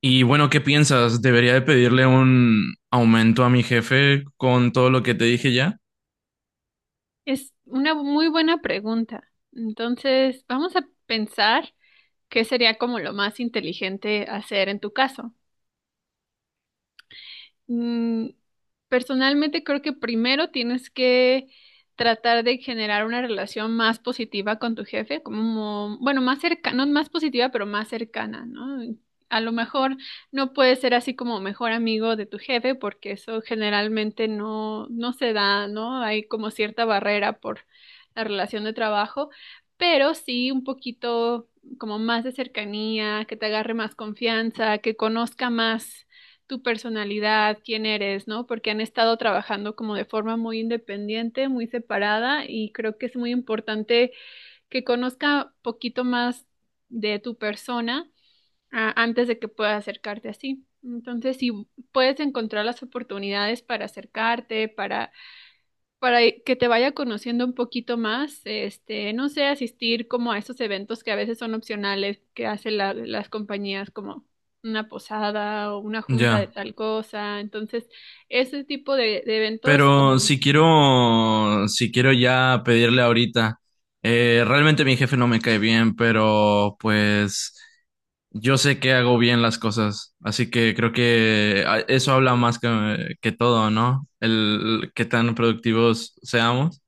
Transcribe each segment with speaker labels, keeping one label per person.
Speaker 1: Y bueno, ¿qué piensas? ¿Debería de pedirle un aumento a mi jefe con todo lo que te dije ya?
Speaker 2: Es una muy buena pregunta. Entonces, vamos a pensar qué sería como lo más inteligente hacer en tu caso. Mm. Personalmente creo que primero tienes que tratar de generar una relación más positiva con tu jefe, como, bueno, más cercana, no más positiva, pero más cercana, ¿no? A lo mejor no puedes ser así como mejor amigo de tu jefe, porque eso generalmente no, no se da, ¿no? Hay como cierta barrera por la relación de trabajo, pero sí un poquito como más de cercanía, que te agarre más confianza, que conozca más tu personalidad, quién eres, ¿no? Porque han estado trabajando como de forma muy independiente, muy separada y creo que es muy importante que conozca poquito más de tu persona, antes de que pueda acercarte así. Entonces, si puedes encontrar las oportunidades para acercarte, para que te vaya conociendo un poquito más, este, no sé, asistir como a esos eventos que a veces son opcionales, que hacen las compañías como una posada o una junta de
Speaker 1: Ya.
Speaker 2: tal cosa. Entonces, ese tipo de eventos
Speaker 1: Pero
Speaker 2: como
Speaker 1: si quiero ya pedirle ahorita, realmente mi jefe no me cae bien, pero pues yo sé que hago bien las cosas, así que creo que eso habla más que todo, ¿no? El, qué tan productivos seamos.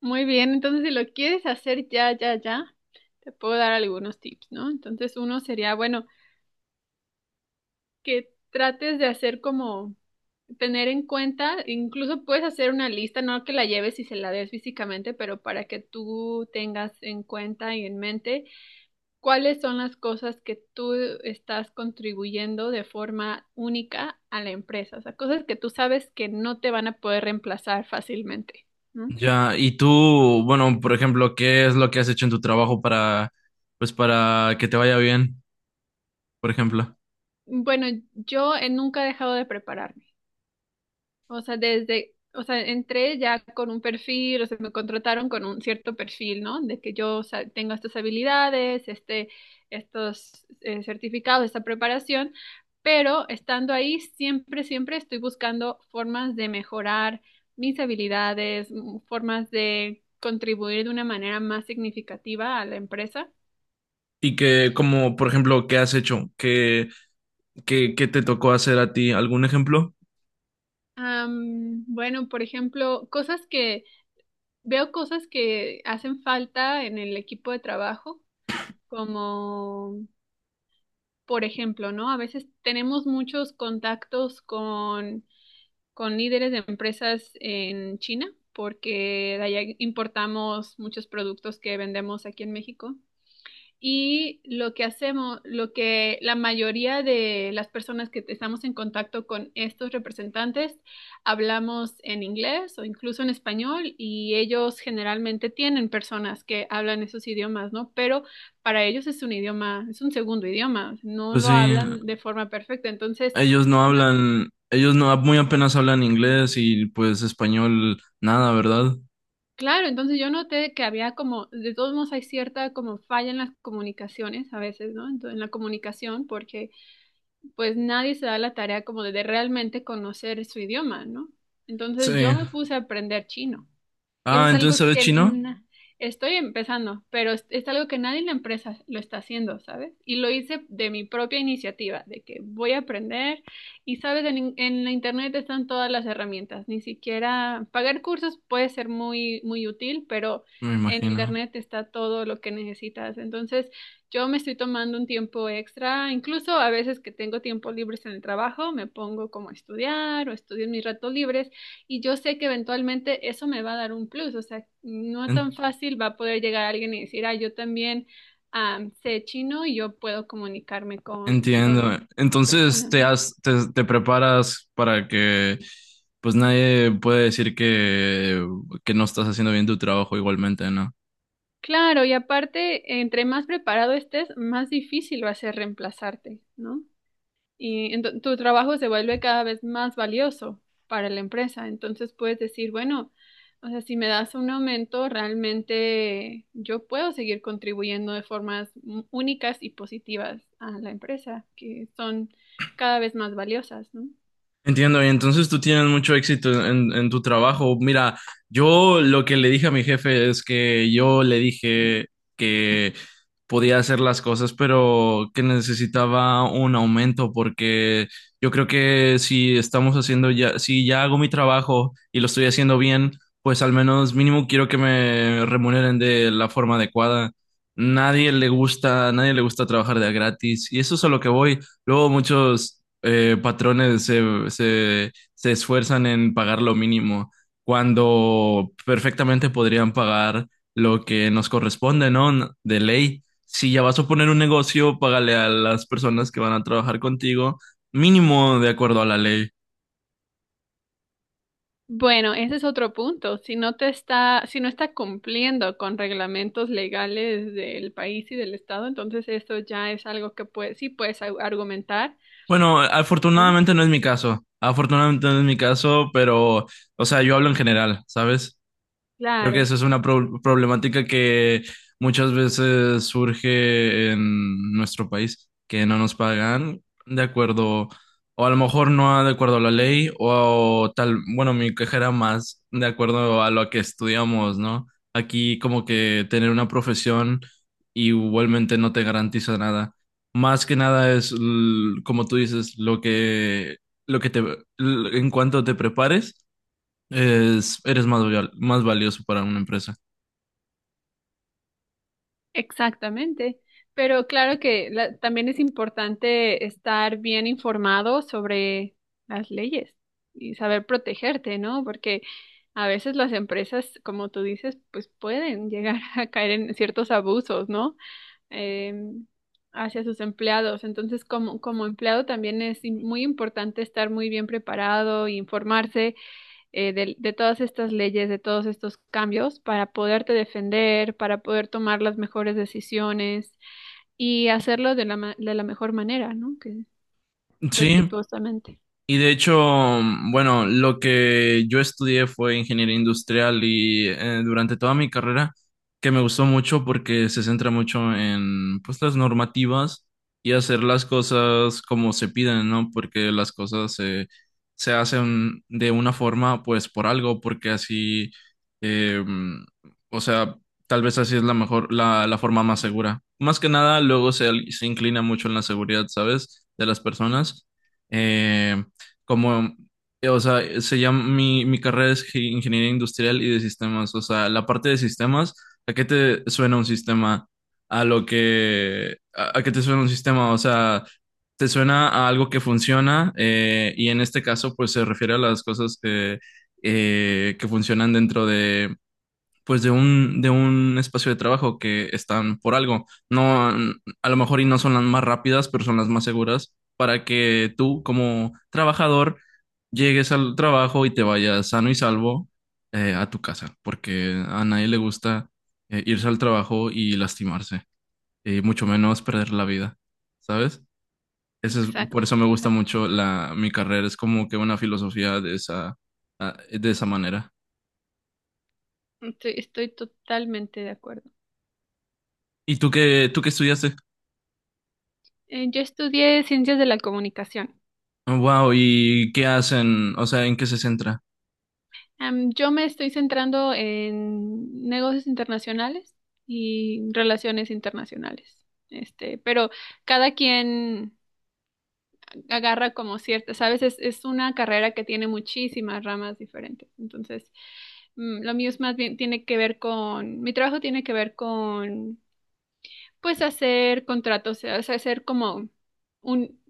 Speaker 2: muy bien. Entonces, si lo quieres hacer ya, ya, ya, te puedo dar algunos tips, ¿no? Entonces, uno sería, bueno, que trates de hacer como tener en cuenta, incluso puedes hacer una lista, no que la lleves y se la des físicamente, pero para que tú tengas en cuenta y en mente cuáles son las cosas que tú estás contribuyendo de forma única a la empresa, o sea, cosas que tú sabes que no te van a poder reemplazar fácilmente. ¿No?
Speaker 1: Ya, y tú, bueno, por ejemplo, ¿qué es lo que has hecho en tu trabajo para, pues, para que te vaya bien, por ejemplo?
Speaker 2: Bueno, yo he nunca he dejado de prepararme. O sea, desde, o sea, entré ya con un perfil, o sea, me contrataron con un cierto perfil, ¿no? De que yo, o sea, tengo estas habilidades, este, estos certificados, esta preparación, pero estando ahí, siempre, siempre estoy buscando formas de mejorar mis habilidades, formas de contribuir de una manera más significativa a la empresa.
Speaker 1: Y que, como, por ejemplo, ¿qué has hecho? ¿Qué te tocó hacer a ti? ¿Algún ejemplo?
Speaker 2: Bueno, por ejemplo, cosas que hacen falta en el equipo de trabajo como, por ejemplo, ¿no? A veces tenemos muchos contactos con líderes de empresas en China, porque de allá importamos muchos productos que vendemos aquí en México. Y lo que hacemos, lo que la mayoría de las personas que estamos en contacto con estos representantes hablamos en inglés o incluso en español y ellos generalmente tienen personas que hablan esos idiomas, ¿no? Pero para ellos es un idioma, es un segundo idioma, no
Speaker 1: Pues
Speaker 2: lo
Speaker 1: sí,
Speaker 2: hablan de forma perfecta. Entonces, una-
Speaker 1: ellos no, muy apenas hablan inglés y pues español, nada, ¿verdad?
Speaker 2: claro, entonces yo noté que había como, de todos modos hay cierta como falla en las comunicaciones a veces, ¿no? En la comunicación porque pues nadie se da la tarea como de realmente conocer su idioma, ¿no?
Speaker 1: Sí.
Speaker 2: Entonces yo me puse a aprender chino. Y eso
Speaker 1: Ah,
Speaker 2: es
Speaker 1: entonces
Speaker 2: algo
Speaker 1: sabes
Speaker 2: que
Speaker 1: chino,
Speaker 2: estoy empezando, pero es algo que nadie en la empresa lo está haciendo, ¿sabes? Y lo hice de mi propia iniciativa, de que voy a aprender y, ¿sabes? En la internet están todas las herramientas, ni siquiera pagar cursos puede ser muy, muy útil, pero
Speaker 1: me
Speaker 2: en
Speaker 1: imagino.
Speaker 2: internet está todo lo que necesitas. Entonces, yo me estoy tomando un tiempo extra, incluso a veces que tengo tiempo libres en el trabajo, me pongo como a estudiar o estudio en mis ratos libres y yo sé que eventualmente eso me va a dar un plus, o sea, no tan fácil va a poder llegar alguien y decir, ah, yo también sé chino y yo puedo comunicarme con
Speaker 1: Entiendo. Entonces
Speaker 2: personas. ¿No?
Speaker 1: te preparas para que pues nadie puede decir que no estás haciendo bien tu trabajo igualmente, ¿no?
Speaker 2: Claro, y aparte, entre más preparado estés, más difícil va a ser reemplazarte, ¿no? Y tu trabajo se vuelve cada vez más valioso para la empresa. Entonces puedes decir, bueno, o sea, si me das un aumento, realmente yo puedo seguir contribuyendo de formas únicas y positivas a la empresa, que son cada vez más valiosas, ¿no?
Speaker 1: Entiendo, y entonces tú tienes mucho éxito en tu trabajo. Mira, yo lo que le dije a mi jefe es que yo le dije que podía hacer las cosas, pero que necesitaba un aumento, porque yo creo que si ya hago mi trabajo y lo estoy haciendo bien, pues al menos mínimo quiero que me remuneren de la forma adecuada. Nadie le gusta trabajar de a gratis, y eso es a lo que voy. Luego muchos patrones se esfuerzan en pagar lo mínimo cuando perfectamente podrían pagar lo que nos corresponde, ¿no? De ley. Si ya vas a poner un negocio, págale a las personas que van a trabajar contigo mínimo de acuerdo a la ley.
Speaker 2: Bueno, ese es otro punto. Si no está cumpliendo con reglamentos legales del país y del estado, entonces eso ya es algo que puede, sí puedes argumentar,
Speaker 1: Bueno,
Speaker 2: ¿no?
Speaker 1: afortunadamente no es mi caso. Afortunadamente no es mi caso, pero, o sea, yo hablo en general, ¿sabes? Creo que
Speaker 2: Claro.
Speaker 1: eso es una problemática que muchas veces surge en nuestro país, que no nos pagan de acuerdo, o a lo mejor no de acuerdo a la ley, o tal, bueno, mi queja era más de acuerdo a lo que estudiamos, ¿no? Aquí como que tener una profesión igualmente no te garantiza nada. Más que nada es, como tú dices, lo que en cuanto te prepares es, eres más, más valioso para una empresa.
Speaker 2: Exactamente, pero claro que también es importante estar bien informado sobre las leyes y saber protegerte, ¿no? Porque a veces las empresas, como tú dices, pues pueden llegar a caer en ciertos abusos, ¿no? Eh, hacia sus empleados. Entonces, como, como empleado también es muy importante estar muy bien preparado, e informarse de todas estas leyes, de todos estos cambios, para poderte defender, para poder tomar las mejores decisiones y hacerlo de la mejor manera, ¿no? Que
Speaker 1: Sí,
Speaker 2: respetuosamente.
Speaker 1: y de hecho, bueno, lo que yo estudié fue ingeniería industrial y durante toda mi carrera, que me gustó mucho porque se centra mucho en pues las normativas y hacer las cosas como se piden, ¿no? Porque se hacen de una forma pues por algo, porque así, eh, mm, o sea, tal vez así es la forma más segura. Más que nada, luego se inclina mucho en la seguridad, ¿sabes? De las personas. Em, como, o sea, se llama, mi carrera es ingeniería industrial y de sistemas, o sea, la parte de sistemas, ¿a qué te suena un sistema? A lo que, a qué te suena un sistema, o sea, te suena a algo que funciona y en este caso, pues se refiere a las cosas que funcionan dentro de... pues de de un espacio de trabajo que están por algo. No, a lo mejor y no son las más rápidas, pero son las más seguras para que tú como trabajador llegues al trabajo y te vayas sano y salvo a tu casa, porque a nadie le gusta irse al trabajo y lastimarse, y mucho menos perder la vida, ¿sabes? Eso es,
Speaker 2: Exacto,
Speaker 1: por eso me gusta
Speaker 2: exactamente.
Speaker 1: mucho mi carrera, es como que una filosofía de esa, de esa manera.
Speaker 2: Estoy, estoy totalmente de acuerdo.
Speaker 1: ¿Y tú qué estudiaste?
Speaker 2: Yo estudié ciencias de la comunicación.
Speaker 1: Wow, ¿y qué hacen? O sea, ¿en qué se centra?
Speaker 2: Yo me estoy centrando en negocios internacionales y relaciones internacionales. Este, pero cada quien agarra como ciertas, ¿sabes? Es una carrera que tiene muchísimas ramas diferentes. Entonces, lo mío es más bien, tiene que ver con, mi trabajo tiene que ver con, pues, hacer contratos, o sea, hacer como un,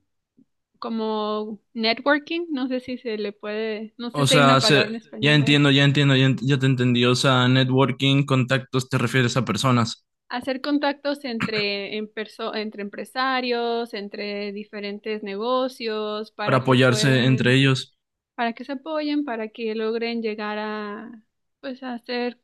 Speaker 2: como networking, no sé si se le puede, no sé
Speaker 1: O
Speaker 2: si hay
Speaker 1: sea,
Speaker 2: una palabra en
Speaker 1: ya
Speaker 2: español a esto.
Speaker 1: entiendo, ya entiendo, ya te entendí. O sea, networking, contactos, te refieres a personas
Speaker 2: Hacer contactos entre empresarios, entre diferentes negocios,
Speaker 1: para
Speaker 2: para que
Speaker 1: apoyarse entre
Speaker 2: puedan
Speaker 1: ellos.
Speaker 2: para que se apoyen, para que logren llegar a, pues, a hacer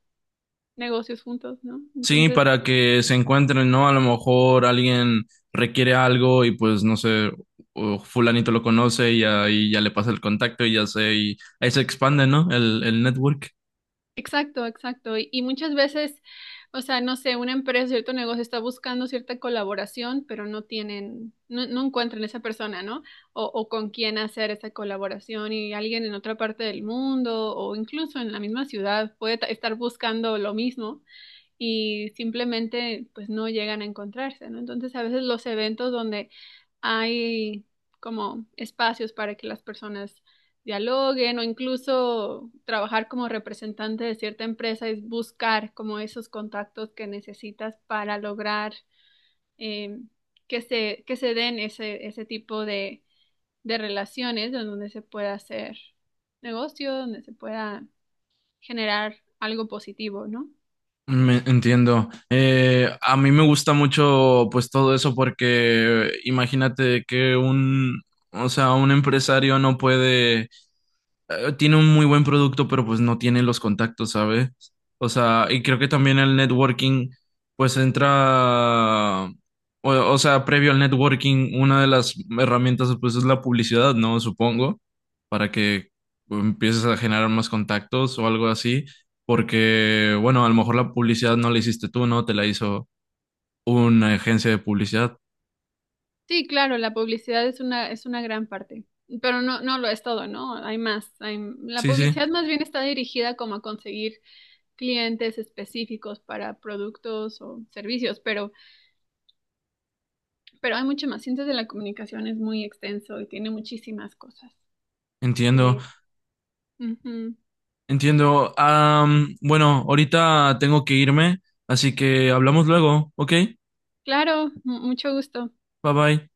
Speaker 2: negocios juntos, ¿no?
Speaker 1: Sí,
Speaker 2: Entonces,
Speaker 1: para que se encuentren, ¿no? A lo mejor alguien requiere algo y pues no sé, o fulanito lo conoce y ahí ya le pasa el contacto y ahí se expande, ¿no? El network.
Speaker 2: exacto, exacto. Y muchas veces, o sea, no sé, una empresa, cierto negocio está buscando cierta colaboración, pero no tienen, no, no encuentran esa persona, ¿no? O con quién hacer esa colaboración y alguien en otra parte del mundo o incluso en la misma ciudad puede estar buscando lo mismo y simplemente pues no llegan a encontrarse, ¿no? Entonces a veces los eventos donde hay como espacios para que las personas dialoguen o incluso trabajar como representante de cierta empresa es buscar como esos contactos que necesitas para lograr eh, que se den ese tipo de relaciones en donde se pueda hacer negocio, donde se pueda generar algo positivo, ¿no?
Speaker 1: Me entiendo. A mí me gusta mucho pues todo eso porque imagínate que o sea, un empresario no puede tiene un muy buen producto, pero pues no tiene los contactos, ¿sabes? O sea, y creo que también el networking, pues entra, o sea, previo al networking, una de las herramientas, pues es la publicidad, ¿no? Supongo, para que empieces a generar más contactos o algo así, porque, bueno, a lo mejor la publicidad no la hiciste tú, ¿no? Te la hizo una agencia de publicidad.
Speaker 2: Sí, claro, la publicidad es una gran parte, pero no, no lo es todo, ¿no? Hay más. La
Speaker 1: Sí, sí,
Speaker 2: publicidad más bien está dirigida como a conseguir clientes específicos para productos o servicios, pero hay mucho más. Ciencias de la comunicación es muy extenso y tiene muchísimas cosas
Speaker 1: entiendo.
Speaker 2: que... Ujú.
Speaker 1: Entiendo. Bueno, ahorita tengo que irme, así que hablamos luego, ¿ok?
Speaker 2: Claro, mucho gusto.
Speaker 1: Bye bye.